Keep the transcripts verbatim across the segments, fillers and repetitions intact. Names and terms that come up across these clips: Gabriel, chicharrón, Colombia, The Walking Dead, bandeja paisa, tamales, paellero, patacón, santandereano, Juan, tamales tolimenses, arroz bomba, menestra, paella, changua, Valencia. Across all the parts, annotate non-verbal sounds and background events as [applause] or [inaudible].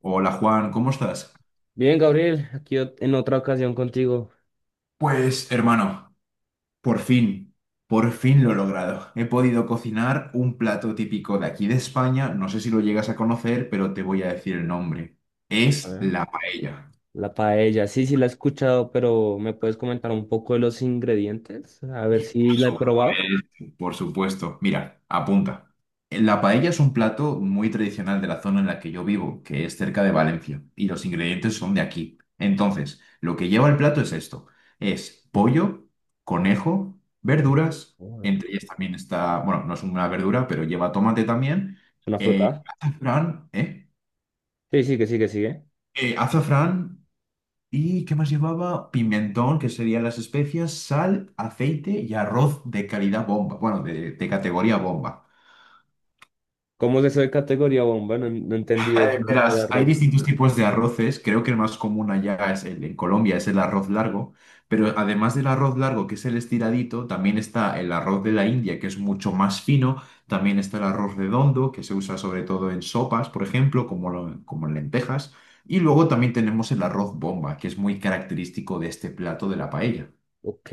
Hola Juan, ¿cómo estás? Bien, Gabriel, aquí ot- en otra ocasión contigo. Pues hermano, por fin, por fin lo he logrado. He podido cocinar un plato típico de aquí de España, no sé si lo llegas a conocer, pero te voy a decir el nombre. A Es ver. la paella. La paella, sí, sí la he escuchado, pero ¿me puedes comentar un poco de los ingredientes? A ver si la he probado. Supuesto, Por supuesto. Mira, apunta. La paella es un plato muy tradicional de la zona en la que yo vivo, que es cerca de Valencia, y los ingredientes son de aquí. Entonces, lo que lleva el plato es esto. Es pollo, conejo, verduras, Oh, entre verdura. ellas también está, bueno, no es una verdura, pero lleva tomate también, ¿Una eh, fruta? azafrán, ¿eh? Sí, sí, que sí que sigue. Eh, azafrán. ¿Y qué más llevaba? Pimentón, que serían las especias, sal, aceite y arroz de calidad bomba. Bueno, de, de categoría bomba. ¿Cómo es eso de categoría bomba? No, no entendí eso Eh, de verás, hay arroz. distintos tipos de arroces. Creo que el más común allá es el, en Colombia es el arroz largo. Pero además del arroz largo, que es el estiradito, también está el arroz de la India, que es mucho más fino. También está el arroz redondo, que se usa sobre todo en sopas, por ejemplo, como, lo- como en lentejas. Y luego también tenemos el arroz bomba, que es muy característico de este plato de la paella. Ok,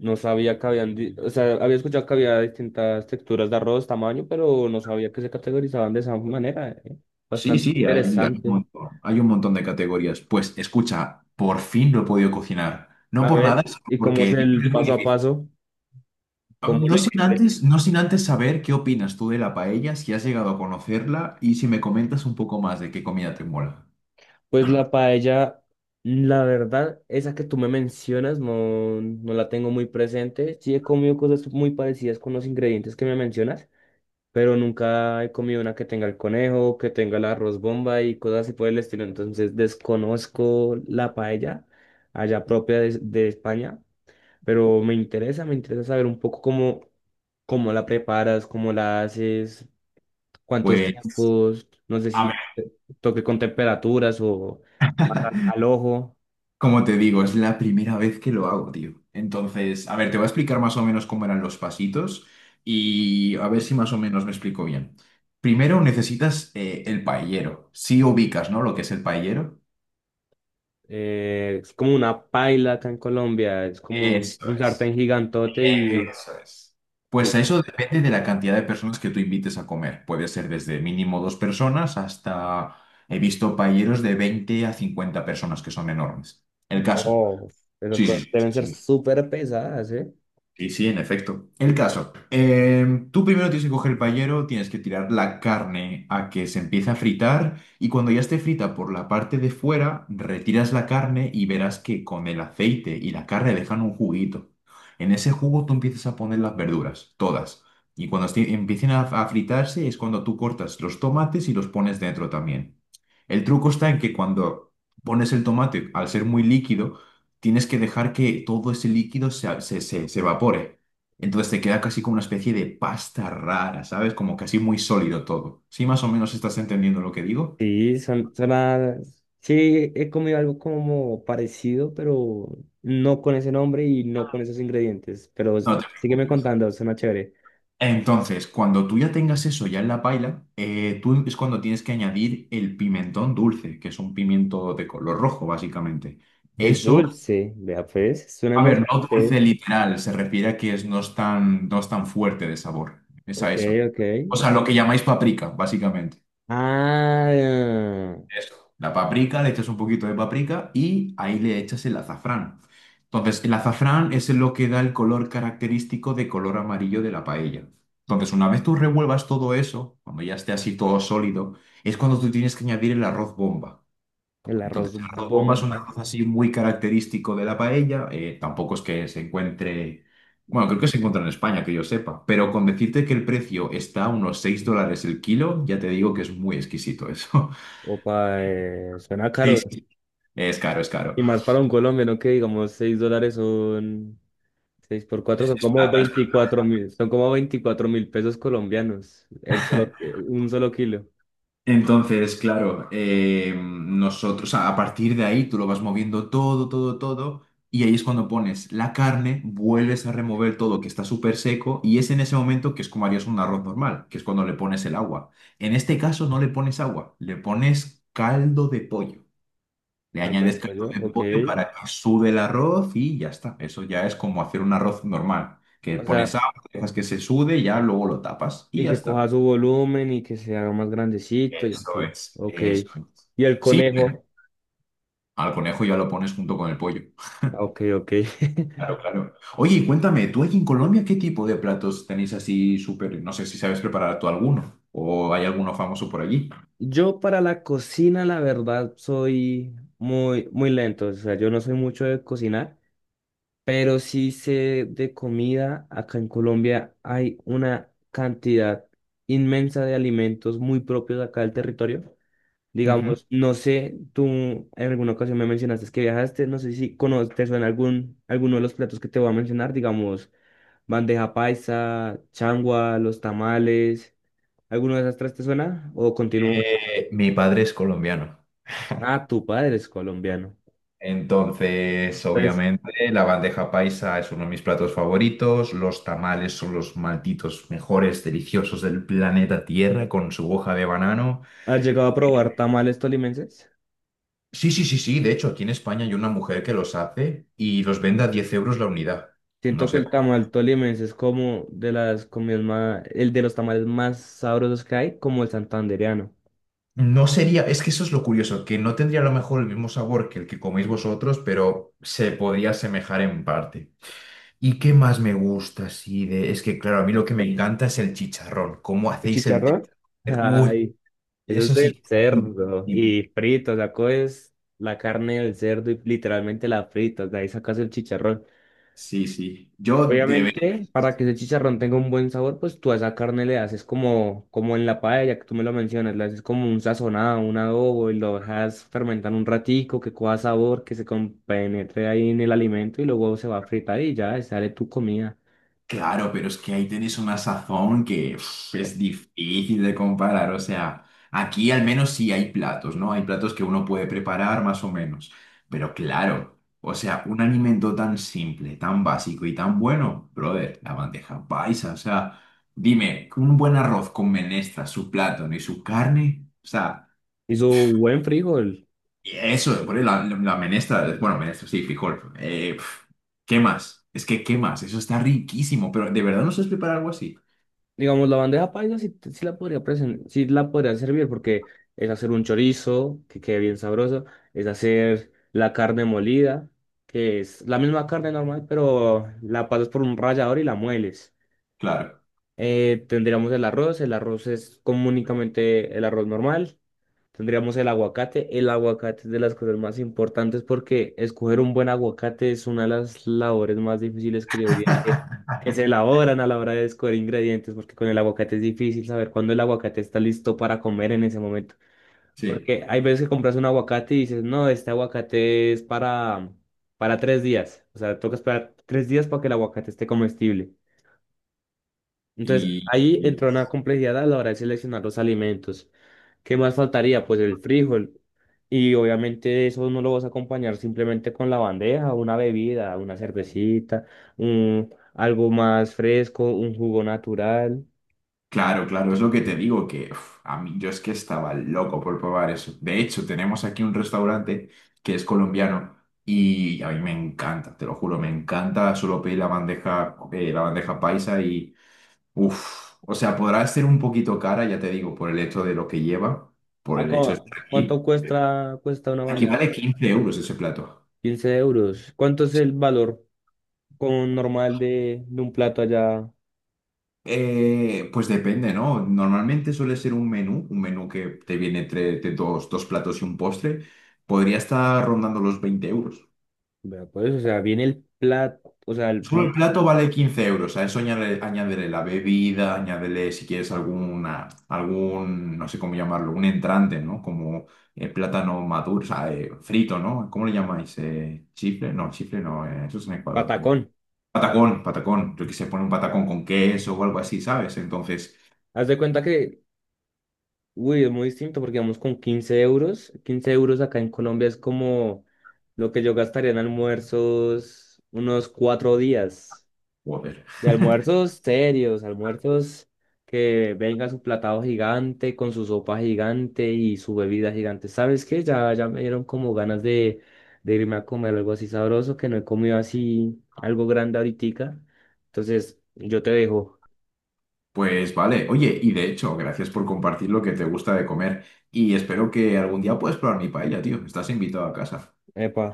no sabía que habían, di- o sea, había escuchado que había distintas texturas de arroz, tamaño, pero no sabía que se categorizaban de esa manera. ¿Eh? Sí, Bastante sí, hay, hay un interesante. montón, hay un montón de categorías. Pues escucha, por fin lo he podido cocinar. No A por ver, nada, sino ¿y cómo porque es el es muy paso a difícil. paso? ¿Cómo lo No sin hiciste? antes, no sin antes saber qué opinas tú de la paella, si has llegado a conocerla y si me comentas un poco más de qué comida te mola. Pues la paella, la verdad, esa que tú me mencionas, no, no la tengo muy presente. Sí he comido cosas muy parecidas con los ingredientes que me mencionas, pero nunca he comido una que tenga el conejo, que tenga el arroz bomba y cosas así por el estilo. Entonces desconozco la paella allá propia de, de España, pero me interesa, me interesa saber un poco cómo, cómo la preparas, cómo la haces, cuántos Pues, tiempos, no sé a si toque con temperaturas o al, al ojo. como te digo, es la primera vez que lo hago, tío. Entonces, a ver, te voy a explicar más o menos cómo eran los pasitos y a ver si más o menos me explico bien. Primero necesitas eh, el paellero. Si ubicas, ¿no? Lo que es el paellero. Eh, es como una paila acá en Colombia, es como un, Eso un es. sartén gigantote y Eso es. sí, Pues sí. eso depende de la cantidad de personas que tú invites a comer. Puede ser desde mínimo dos personas hasta, he visto paelleros de veinte a cincuenta personas que son enormes. El caso. Wow, esas Sí, sí, cosas sí, sí, deben ser sí. súper pesadas, ¿eh? Sí, sí, en efecto. El caso, em, tú primero tienes que coger el paellero, tienes que tirar la carne a que se empiece a fritar y cuando ya esté frita por la parte de fuera, retiras la carne y verás que con el aceite y la carne dejan un juguito. En ese jugo tú empiezas a poner las verduras, todas. Y cuando esté- empiecen a, a fritarse es cuando tú cortas los tomates y los pones dentro también. El truco está en que cuando pones el tomate, al ser muy líquido, tienes que dejar que todo ese líquido se, se, se- se evapore. Entonces te queda casi como una especie de pasta rara, ¿sabes? Como casi muy sólido todo. ¿Sí más o menos estás entendiendo lo que digo? Sí, son, son a- Sí, he comido algo como parecido, pero no con ese nombre y no con esos ingredientes. Pero o No sea, te sígueme preocupes. contando, suena chévere. Entonces, cuando tú ya tengas eso ya en la paila, eh, tú es cuando tienes que añadir el pimentón dulce, que es un pimiento de color rojo, básicamente. Es Eso, dulce, vea pues, suena a ver, no dulce emocionante. literal, se refiere a que es, no es tan, no es tan fuerte de sabor. Es a Ok, eso. ok. O sea, lo que llamáis paprika, básicamente. Ah, Eso. La paprika, le echas un poquito de paprika y ahí le echas el azafrán. Entonces, el azafrán es lo que da el color característico de color amarillo de la paella. Entonces, una vez tú revuelvas todo eso, cuando ya esté así todo sólido, es cuando tú tienes que añadir el arroz bomba. el Entonces, arroz el arroz bomba es un bomba. arroz así muy característico de la paella. eh, tampoco es que se encuentre, bueno, creo que se encuentra en España, que yo sepa, pero con decirte que el precio está a unos seis dólares el kilo, ya te digo que es muy exquisito eso. [laughs] Opa, eh, suena Sí, caro. sí, es caro, es Y caro. más para un colombiano que digamos seis dólares son seis por cuatro son como veinticuatro mil, son como veinticuatro mil pesos colombianos. El solo- eh, [laughs] un solo kilo. Entonces, claro, eh, nosotros a a partir de ahí tú lo vas moviendo todo, todo, todo, y ahí es cuando pones la carne, vuelves a remover todo que está súper seco, y es en ese momento que es como harías un arroz normal, que es cuando le pones el agua. En este caso no le pones agua, le pones caldo de pollo. Le Caldo de añades caldo pollo, de ok. pollo para que sude el arroz y ya está. Eso ya es como hacer un arroz normal, que O pones sea, agua, dejas que se sude, ya luego lo tapas y y ya que está. coja su volumen y que se haga más grandecito y Eso así. es, Ok. eso es. Y el Sí, conejo, al conejo ya lo pones junto con el pollo. ah, ok, ok. [laughs] Claro, claro. Oye, y cuéntame, ¿tú allí en Colombia qué tipo de platos tenéis así súper? No sé si sabes preparar tú alguno o hay alguno famoso por allí. Yo para la cocina, la verdad, soy muy, muy lento. O sea, yo no soy mucho de cocinar, pero sí sé de comida. Acá en Colombia hay una cantidad inmensa de alimentos muy propios de acá del territorio. Ujú. Digamos, no sé, tú en alguna ocasión me mencionaste que viajaste, no sé si conoces, te suena algún, alguno de los platos que te voy a mencionar, digamos, bandeja paisa, changua, los tamales, ¿alguno de esas tres te suena? ¿O continúo? Eh, mi padre es colombiano, Ah, tu padre es colombiano. entonces Entonces, obviamente la bandeja paisa es uno de mis platos favoritos, los tamales son los malditos mejores deliciosos del planeta Tierra con su hoja de banano. ¿has llegado a probar tamales tolimenses? Sí, sí, sí, sí. De hecho, aquí en España hay una mujer que los hace y los vende a diez euros la unidad. No Siento que sé. el tamal tolimense es como de las comidas más, el de los tamales más sabrosos que hay, como el santandereano. No sería, es que eso es lo curioso, que no tendría a lo mejor el mismo sabor que el que coméis vosotros, pero se podría asemejar en parte. ¿Y qué más me gusta así de? Es que, claro, a mí lo que me encanta es el chicharrón. ¿Cómo ¿El hacéis el chicharrón? chicharrón? Uy, Ay, eso es eso del sí. cerdo y frito, o sea, coges la carne del cerdo y literalmente la fritas, de ahí sacas el chicharrón. Sí, sí. Yo de Obviamente, para que ese chicharrón tenga un buen sabor, pues tú a esa carne le haces como, como en la paella, que tú me lo mencionas, le haces como un sazonado, un adobo, y lo dejas fermentar un ratico, que coja sabor, que se compenetre ahí en el alimento, y luego se va a fritar y ya, sale tu comida. claro, pero es que ahí tenéis una sazón que uf, es difícil de comparar. O sea, aquí al menos sí hay platos, ¿no? Hay platos que uno puede preparar más o menos. Pero claro, o sea, un alimento tan simple, tan básico y tan bueno, brother, la bandeja paisa. O sea, dime, un buen arroz con menestra, su plátano y su carne. O sea, Y su buen frijol. eso, por la, la menestra, bueno, menestra, sí, frijol. eh, pf, ¿qué más? Es que, ¿qué más? Eso está riquísimo, pero ¿de verdad no sabes preparar algo así? Digamos, la bandeja paisa sí, sí la podría presen- sí la podría servir porque es hacer un chorizo que quede bien sabroso, es hacer la carne molida, que es la misma carne normal, pero la pasas por un rallador y la mueles. Claro, Eh, tendríamos el arroz, el arroz es comúnmente el arroz normal. Tendríamos el aguacate. El aguacate es de las cosas más importantes porque escoger un buen aguacate es una de las labores más difíciles que yo diría que, que [laughs] se elaboran a la hora de escoger ingredientes, porque con el aguacate es difícil saber cuándo el aguacate está listo para comer en ese momento. sí. Porque hay veces que compras un aguacate y dices, no, este aguacate es para, para tres días. O sea, toca esperar tres días para que el aguacate esté comestible. Entonces, Y, ahí y- entra una complejidad a la hora de seleccionar los alimentos. ¿Qué más faltaría? Pues el frijol. Y obviamente eso no lo vas a acompañar simplemente con la bandeja, una bebida, una cervecita, un, algo más fresco, un jugo natural. claro, claro, es lo que te digo, que uf, a mí yo es que estaba loco por probar eso. De hecho, tenemos aquí un restaurante que es colombiano y a mí me encanta, te lo juro, me encanta. Solo pedir la bandeja, eh, la bandeja paisa y, uff, o sea, podrá ser un poquito cara, ya te digo, por el hecho de lo que lleva, por ¿A el hecho de ¿cu- estar ¿Cuánto aquí. cuesta, cuesta una Aquí bandeja? vale quince euros ese plato. Quince euros. ¿Cuánto es el valor con normal de, de un plato allá? Eh, pues depende, ¿no? Normalmente suele ser un menú, un menú que te viene entre entre dos, dos platos y un postre. Podría estar rondando los veinte euros. Vea, pues, o sea, viene el plato, o sea, el Solo el, vale, plato vale quince euros. A eso añade- añádele, la bebida, añádele si quieres alguna, algún, no sé cómo llamarlo, un entrante, ¿no? Como eh, plátano maduro, o sea, eh, frito, ¿no? ¿Cómo le llamáis? Eh, ¿chifle? No, chifle no, eh, eso es en Ecuador, creo. patacón. Patacón, patacón. Yo que se pone un patacón con queso o algo así, ¿sabes? Entonces, Haz de cuenta que uy, es muy distinto porque vamos con quince euros. Quince euros acá en Colombia es como lo que yo gastaría en almuerzos unos cuatro días. joder. Y almuerzos serios, almuerzos que venga su platado gigante, con su sopa gigante y su bebida gigante. ¿Sabes qué? Ya, ya me dieron como ganas de, de irme a comer algo así sabroso, que no he comido así algo grande ahoritica. Entonces, yo te dejo. Pues vale, oye, y de hecho, gracias por compartir lo que te gusta de comer y espero que algún día puedas probar mi paella, tío. Estás invitado a casa. Epa,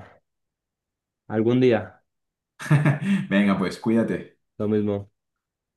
algún día, [laughs] Venga, pues cuídate. lo mismo.